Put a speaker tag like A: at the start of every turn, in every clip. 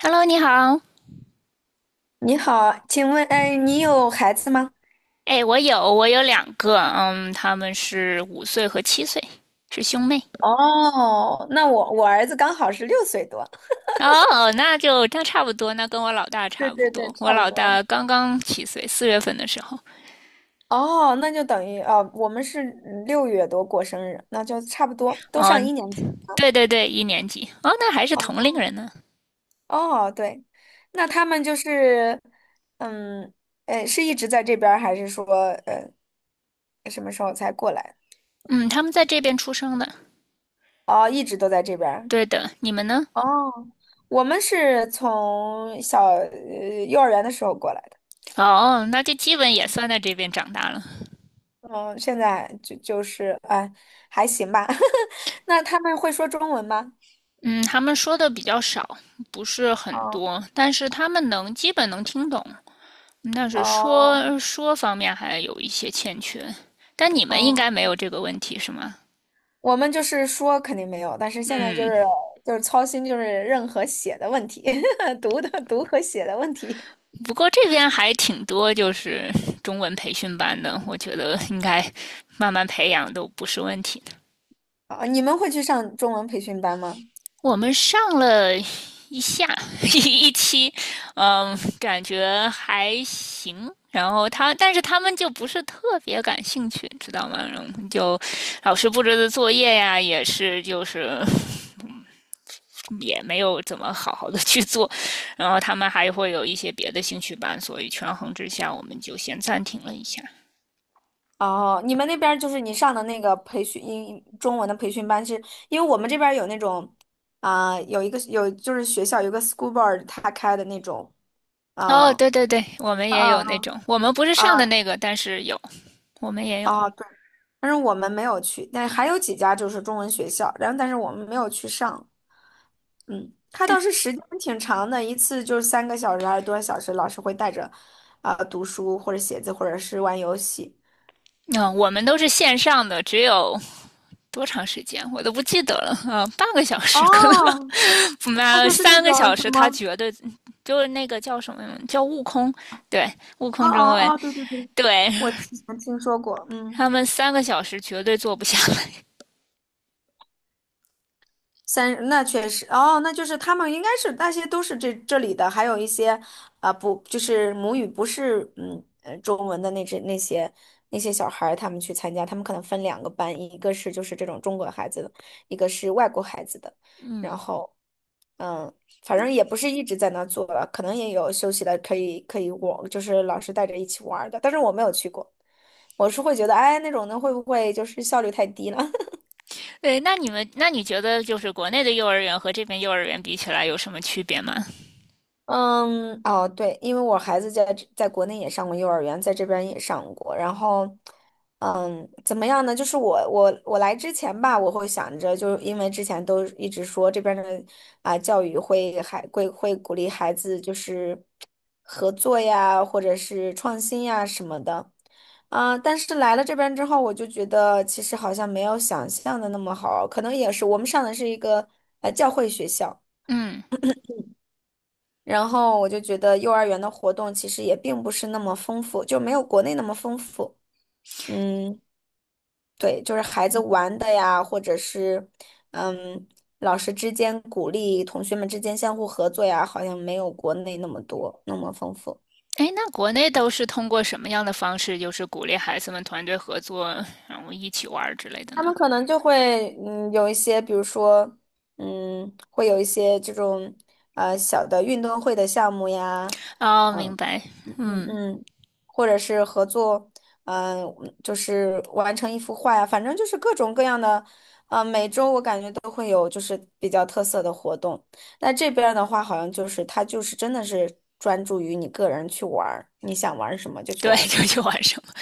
A: Hello，你好。
B: 你好，请问，哎，你有孩子吗？
A: 哎，我有两个，嗯，他们是五岁和七岁，是兄妹。
B: 哦，那我儿子刚好是六岁多。
A: 哦，那差不多，那跟我老大
B: 对
A: 差不
B: 对对，
A: 多。我
B: 差不
A: 老
B: 多。
A: 大刚刚七岁，四月份的时候。
B: 哦，那就等于哦，我们是六月多过生日，那就差不多，都上
A: 嗯，
B: 一年级。
A: 对对对，一年级。哦，那还是
B: 哦
A: 同龄人呢。
B: 哦，对，那他们就是，嗯，是一直在这边儿还是说呃什么时候才过来？
A: 嗯，他们在这边出生的。
B: 哦，一直都在这边儿
A: 对的，你们呢？
B: 哦，我们是从小幼儿园的时候过来。的。
A: 哦，那就基本也算在这边长大了。
B: 嗯，现在就是，哎，还行吧。那他们会说中文吗？
A: 嗯，他们说的比较少，不是很
B: 哦
A: 多，但是他们能基本能听懂。嗯但是
B: 哦
A: 说方面还有一些欠缺，但你们应该
B: 哦，
A: 没有这个问题是吗？
B: 我们就是说肯定没有，但是现在就
A: 嗯，
B: 是就是操心就是任何写的问题，读和写的问题。
A: 不过这边还挺多，就是中文培训班的，我觉得应该慢慢培养都不是问题的。
B: 啊，你们会去上中文培训班吗？
A: 我们上了一下 一期，嗯，感觉还行。然后他，但是他们就不是特别感兴趣，知道吗？然后就老师布置的作业呀，也是就是也没有怎么好好的去做，然后他们还会有一些别的兴趣班，所以权衡之下，我们就先暂停了一下。
B: 哦，你们那边儿就是你上的那个培训中文的培训班是，因为我们这边儿有那种有一个有就是学校有个 school board 他开的那种，
A: 哦，
B: 啊
A: 对对对，我们也
B: 啊啊
A: 有那种，我们不是上的
B: 啊
A: 那个，但是有，我们也有。
B: 哦，对，但是我们没有去，但还有几家就是中文学校，然后但是我们没有去上。嗯，它倒是时间挺长的，一次就是三个小时还是多少小时，老师会带着，读书或者写字或者是玩游戏。
A: 嗯、我们都是线上的，只有多长时间我都不记得了啊、半个小时可能，
B: 哦，它
A: 不
B: 就是那
A: 三个小
B: 种什
A: 时，他
B: 么，
A: 绝对就是那个叫什么叫悟空，对，悟
B: 哦
A: 空中文，
B: 哦哦，对对对，
A: 对
B: 我之前听说过，
A: 他
B: 嗯。
A: 们三个小时绝对做不下来。
B: 那确实，哦，那就是他们应该是那些都是这里的，还有一些不就是母语不是中文的那些小孩儿他们去参加，他们可能分两个班，一个是就是这种中国孩子的，一个是外国孩子的，然
A: 嗯，
B: 后嗯，反正也不是一直在那做了，可能也有休息的，可以可以我就是老师带着一起玩儿的，但是我没有去过，我是会觉得哎那种的会不会就是效率太低了？
A: 对，那你们，那你觉得就是国内的幼儿园和这边幼儿园比起来有什么区别吗？
B: 嗯，哦，对，因为我孩子在国内也上过幼儿园，在这边也上过。然后，嗯，怎么样呢？就是我来之前吧，我会想着，就是因为之前都一直说这边的教育会还会会鼓励孩子就是合作呀，或者是创新呀什么的。但是来了这边之后，我就觉得其实好像没有想象的那么好，可能也是我们上的是一个教会学校。
A: 嗯，
B: 然后我就觉得幼儿园的活动其实也并不是那么丰富，就没有国内那么丰富。嗯，对，就是孩子玩的呀，或者是嗯，老师之间鼓励同学们之间相互合作呀，好像没有国内那么多，那么丰富。
A: 哎，那国内都是通过什么样的方式，就是鼓励孩子们团队合作，然后一起玩儿之类的
B: 他
A: 呢？
B: 们可能就会有一些，比如说会有一些这种小的运动会的项目呀，
A: 哦，明
B: 嗯
A: 白。
B: 嗯嗯
A: 嗯，
B: 嗯，或者是合作，嗯、就是完成一幅画呀，反正就是各种各样的，每周我感觉都会有就是比较特色的活动。那这边儿的话，好像就是它就是真的是专注于你个人去玩儿，你想玩儿什么就去
A: 对，
B: 玩儿 什
A: 就
B: 么。
A: 去玩什么？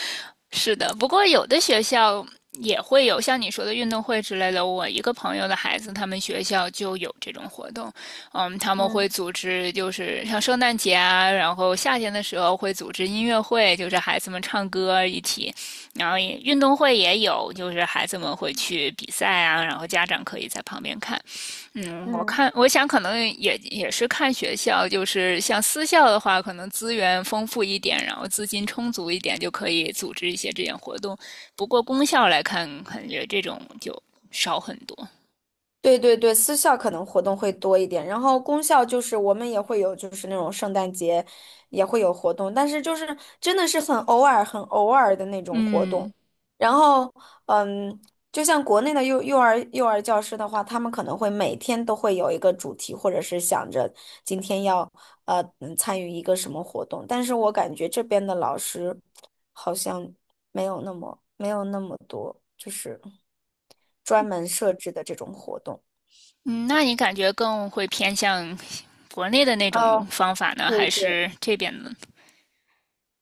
A: 是的，不过有的学校也会有像你说的运动会之类的。我一个朋友的孩子，他们学校就有这种活动。嗯，他们会
B: 嗯
A: 组织，就是像圣诞节啊，然后夏天的时候会组织音乐会，就是孩子们唱歌一起。然后也运动会也有，就是孩子们会去比赛啊，然后家长可以在旁边看。嗯，我
B: 嗯。
A: 看，我想可能也是看学校，就是像私校的话，可能资源丰富一点，然后资金充足一点，就可以组织一些这样活动。不过公校来看，感觉这种就少很多。
B: 对对对，私校可能活动会多一点，然后公校就是我们也会有，就是那种圣诞节也会有活动，但是就是真的是很偶尔、很偶尔的那种活动。
A: 嗯
B: 然后，嗯，就像国内的幼儿教师的话，他们可能会每天都会有一个主题，或者是想着今天要参与一个什么活动，但是我感觉这边的老师好像没有那么多，就是专门设置的这种活动。
A: 嗯，那你感觉更会偏向国内的那种
B: 哦，
A: 方法呢，
B: 对
A: 还
B: 对，
A: 是这边的？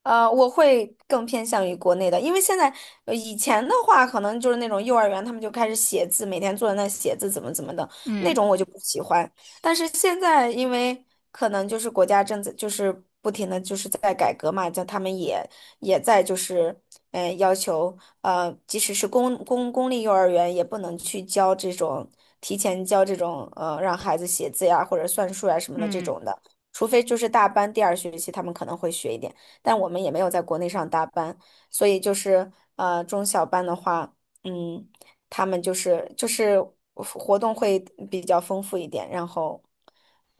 B: 我会更偏向于国内的，因为现在以前的话，可能就是那种幼儿园他们就开始写字，每天坐在那写字怎么怎么的那
A: 嗯
B: 种，我就不喜欢。但是现在，因为可能就是国家正在就是不停的就是在改革嘛，叫他们也在就是要求即使是公立幼儿园也不能去教提前教这种让孩子写字呀或者算术呀什么的这
A: 嗯。
B: 种的，除非就是大班第二学期他们可能会学一点。但我们也没有在国内上大班，所以就是中小班的话，嗯，他们就是活动会比较丰富一点，然后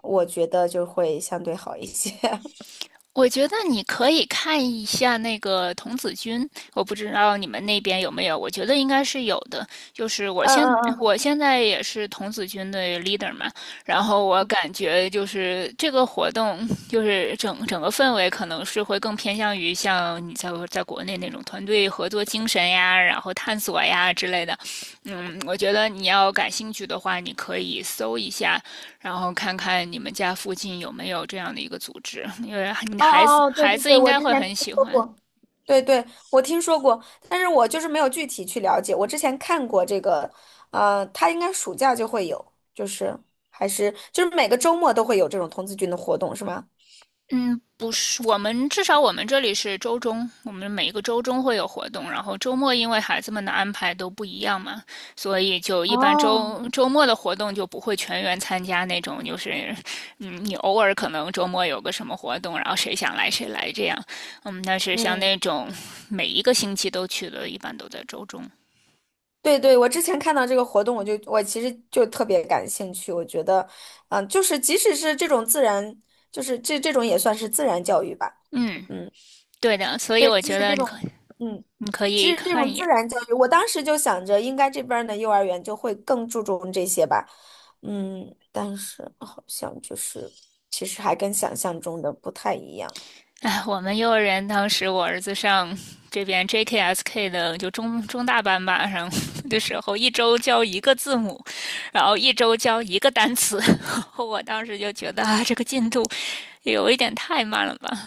B: 我觉得就会相对好一些。
A: 我觉得你可以看一下那个童子军，我不知道你们那边有没有，我觉得应该是有的。就是我
B: 嗯
A: 现
B: 嗯嗯，
A: 我现在也是童子军的 leader 嘛，然后我感觉就是这个活动，就是整个氛围可能是会更偏向于像你在国内那种团队合作精神呀，然后探索呀之类的。嗯，我觉得你要感兴趣的话，你可以搜一下，然后看看你们家附近有没有这样的一个组织，因为你
B: 哦哦哦，对
A: 孩
B: 对
A: 子
B: 对，
A: 应
B: 我
A: 该
B: 之
A: 会
B: 前听
A: 很喜
B: 说
A: 欢。
B: 过。对对，我听说过，但是我就是没有具体去了解。我之前看过这个，他应该暑假就会有，就是还是就是每个周末都会有这种童子军的活动，是吗？
A: 嗯，不是，我们至少我们这里是周中，我们每一个周中会有活动，然后周末因为孩子们的安排都不一样嘛，所以就一般
B: 哦，
A: 周末的活动就不会全员参加那种，就是嗯，你偶尔可能周末有个什么活动，然后谁想来谁来这样，嗯，但是像
B: 嗯，
A: 那种每一个星期都去的，一般都在周中，
B: 对对，我之前看到这个活动，我其实就特别感兴趣。我觉得，就是即使是这种自然，就是这种也算是自然教育吧。
A: 嗯，
B: 嗯，
A: 对的，所以
B: 对，
A: 我
B: 即
A: 觉
B: 使
A: 得
B: 这种，嗯，
A: 你可
B: 其
A: 以
B: 实这
A: 看
B: 种
A: 一
B: 自
A: 眼，
B: 然教育，我当时就想着，应该这边儿的幼儿园就会更注重这些吧。嗯，但是好像就是，其实还跟想象中的不太一样。
A: 哎，我们幼儿园当时我儿子上这边 JKSK 的就中大班吧，上的时候一周教一个字母，然后一周教一个单词，我当时就觉得啊，这个进度有一点太慢了吧。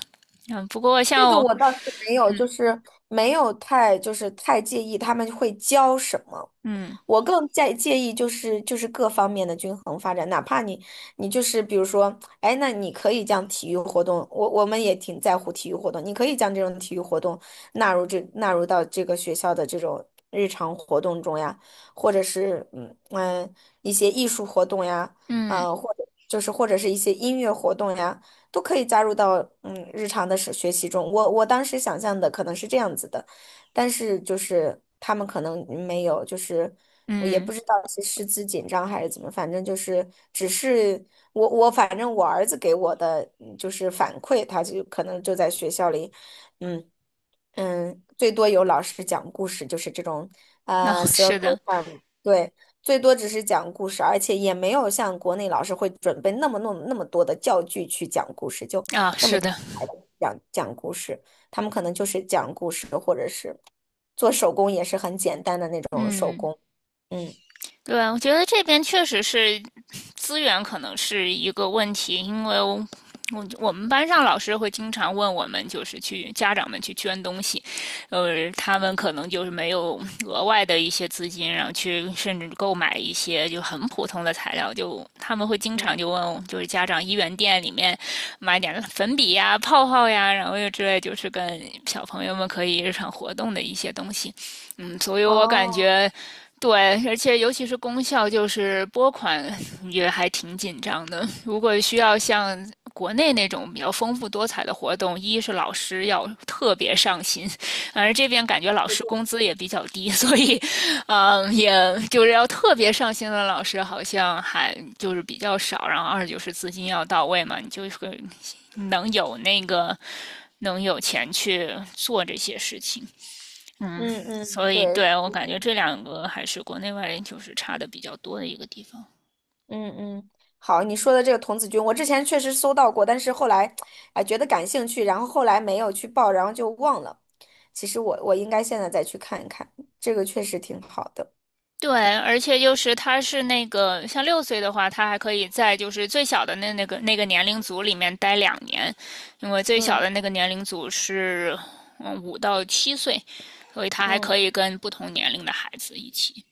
A: 嗯，不过
B: 这
A: 像
B: 个
A: 我，
B: 我倒是没有，就是没有太就是太介意他们会教什么。
A: 嗯
B: 我更在介意就是各方面的均衡发展，哪怕你就是比如说，哎，那你可以将体育活动，我们也挺在乎体育活动，你可以将这种体育活动纳入到这个学校的这种日常活动中呀，或者是一些艺术活动呀，
A: 嗯
B: 或者是一些音乐活动呀。都可以加入到日常的是学习中。我当时想象的可能是这样子的，但是就是他们可能没有，就是我也不
A: 嗯，
B: 知道是师资紧张还是怎么，反正就是只是我我反正我儿子给我的就是反馈，他就可能就在学校里，嗯。嗯，最多有老师讲故事，就是这种
A: 哦，是
B: circle
A: 的，
B: time,对，最多只是讲故事，而且也没有像国内老师会准备那么那么那么多的教具去讲故事，就
A: 啊、
B: 那么
A: 是
B: 精
A: 的，
B: 彩地讲讲故事，他们可能就是讲故事，或者是做手工也是很简单的那种，
A: 嗯。
B: 嗯
A: 对，我觉得这边确实是资源可能是一个问题，因为我们班上老师会经常问我们，就是去家长们去捐东西，他们可能就是没有额外的一些资金，然后去甚至购买一些就很普通的材料，就他们会经
B: 嗯，
A: 常就问，就是家长一元店里面买点粉笔呀、泡泡呀，然后又之类，就是跟小朋友们可以日常活动的一些东西。嗯，所以我感
B: 哦，
A: 觉对，而且尤其是功效，就是拨款也还挺紧张的。如果需要像国内那种比较丰富多彩的活动，一是老师要特别上心，而这边感觉老
B: 对
A: 师
B: 对，
A: 工资也比较低，所以，嗯，也就是要特别上心的老师好像还就是比较少。然后二就是资金要到位嘛，你就会能有那个能有钱去做这些事情。嗯，
B: 嗯嗯，
A: 所以
B: 对，
A: 对
B: 是
A: 我感觉这两个还是国内外就是差的比较多的一个地方。
B: 嗯嗯，好，你说的这个童子军，我之前确实搜到过，但是后来，哎，觉得感兴趣，然后后来没有去报，然后就忘了。其实我应该现在再去看一看，这个确实挺好的。
A: 对，而且就是他是那个像六岁的话，他还可以在就是最小的那个年龄组里面待两年，因为最小
B: 嗯
A: 的那个年龄组是嗯五到七岁，所以他还可
B: 嗯
A: 以跟不同年龄的孩子一起。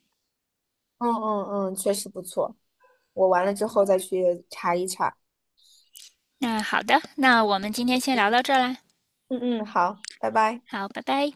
B: 嗯嗯嗯，确实不错。我完了之后再去查一查。
A: 那好的，那我们今天先聊到这儿啦，
B: 嗯嗯，好，拜拜。
A: 好，拜拜。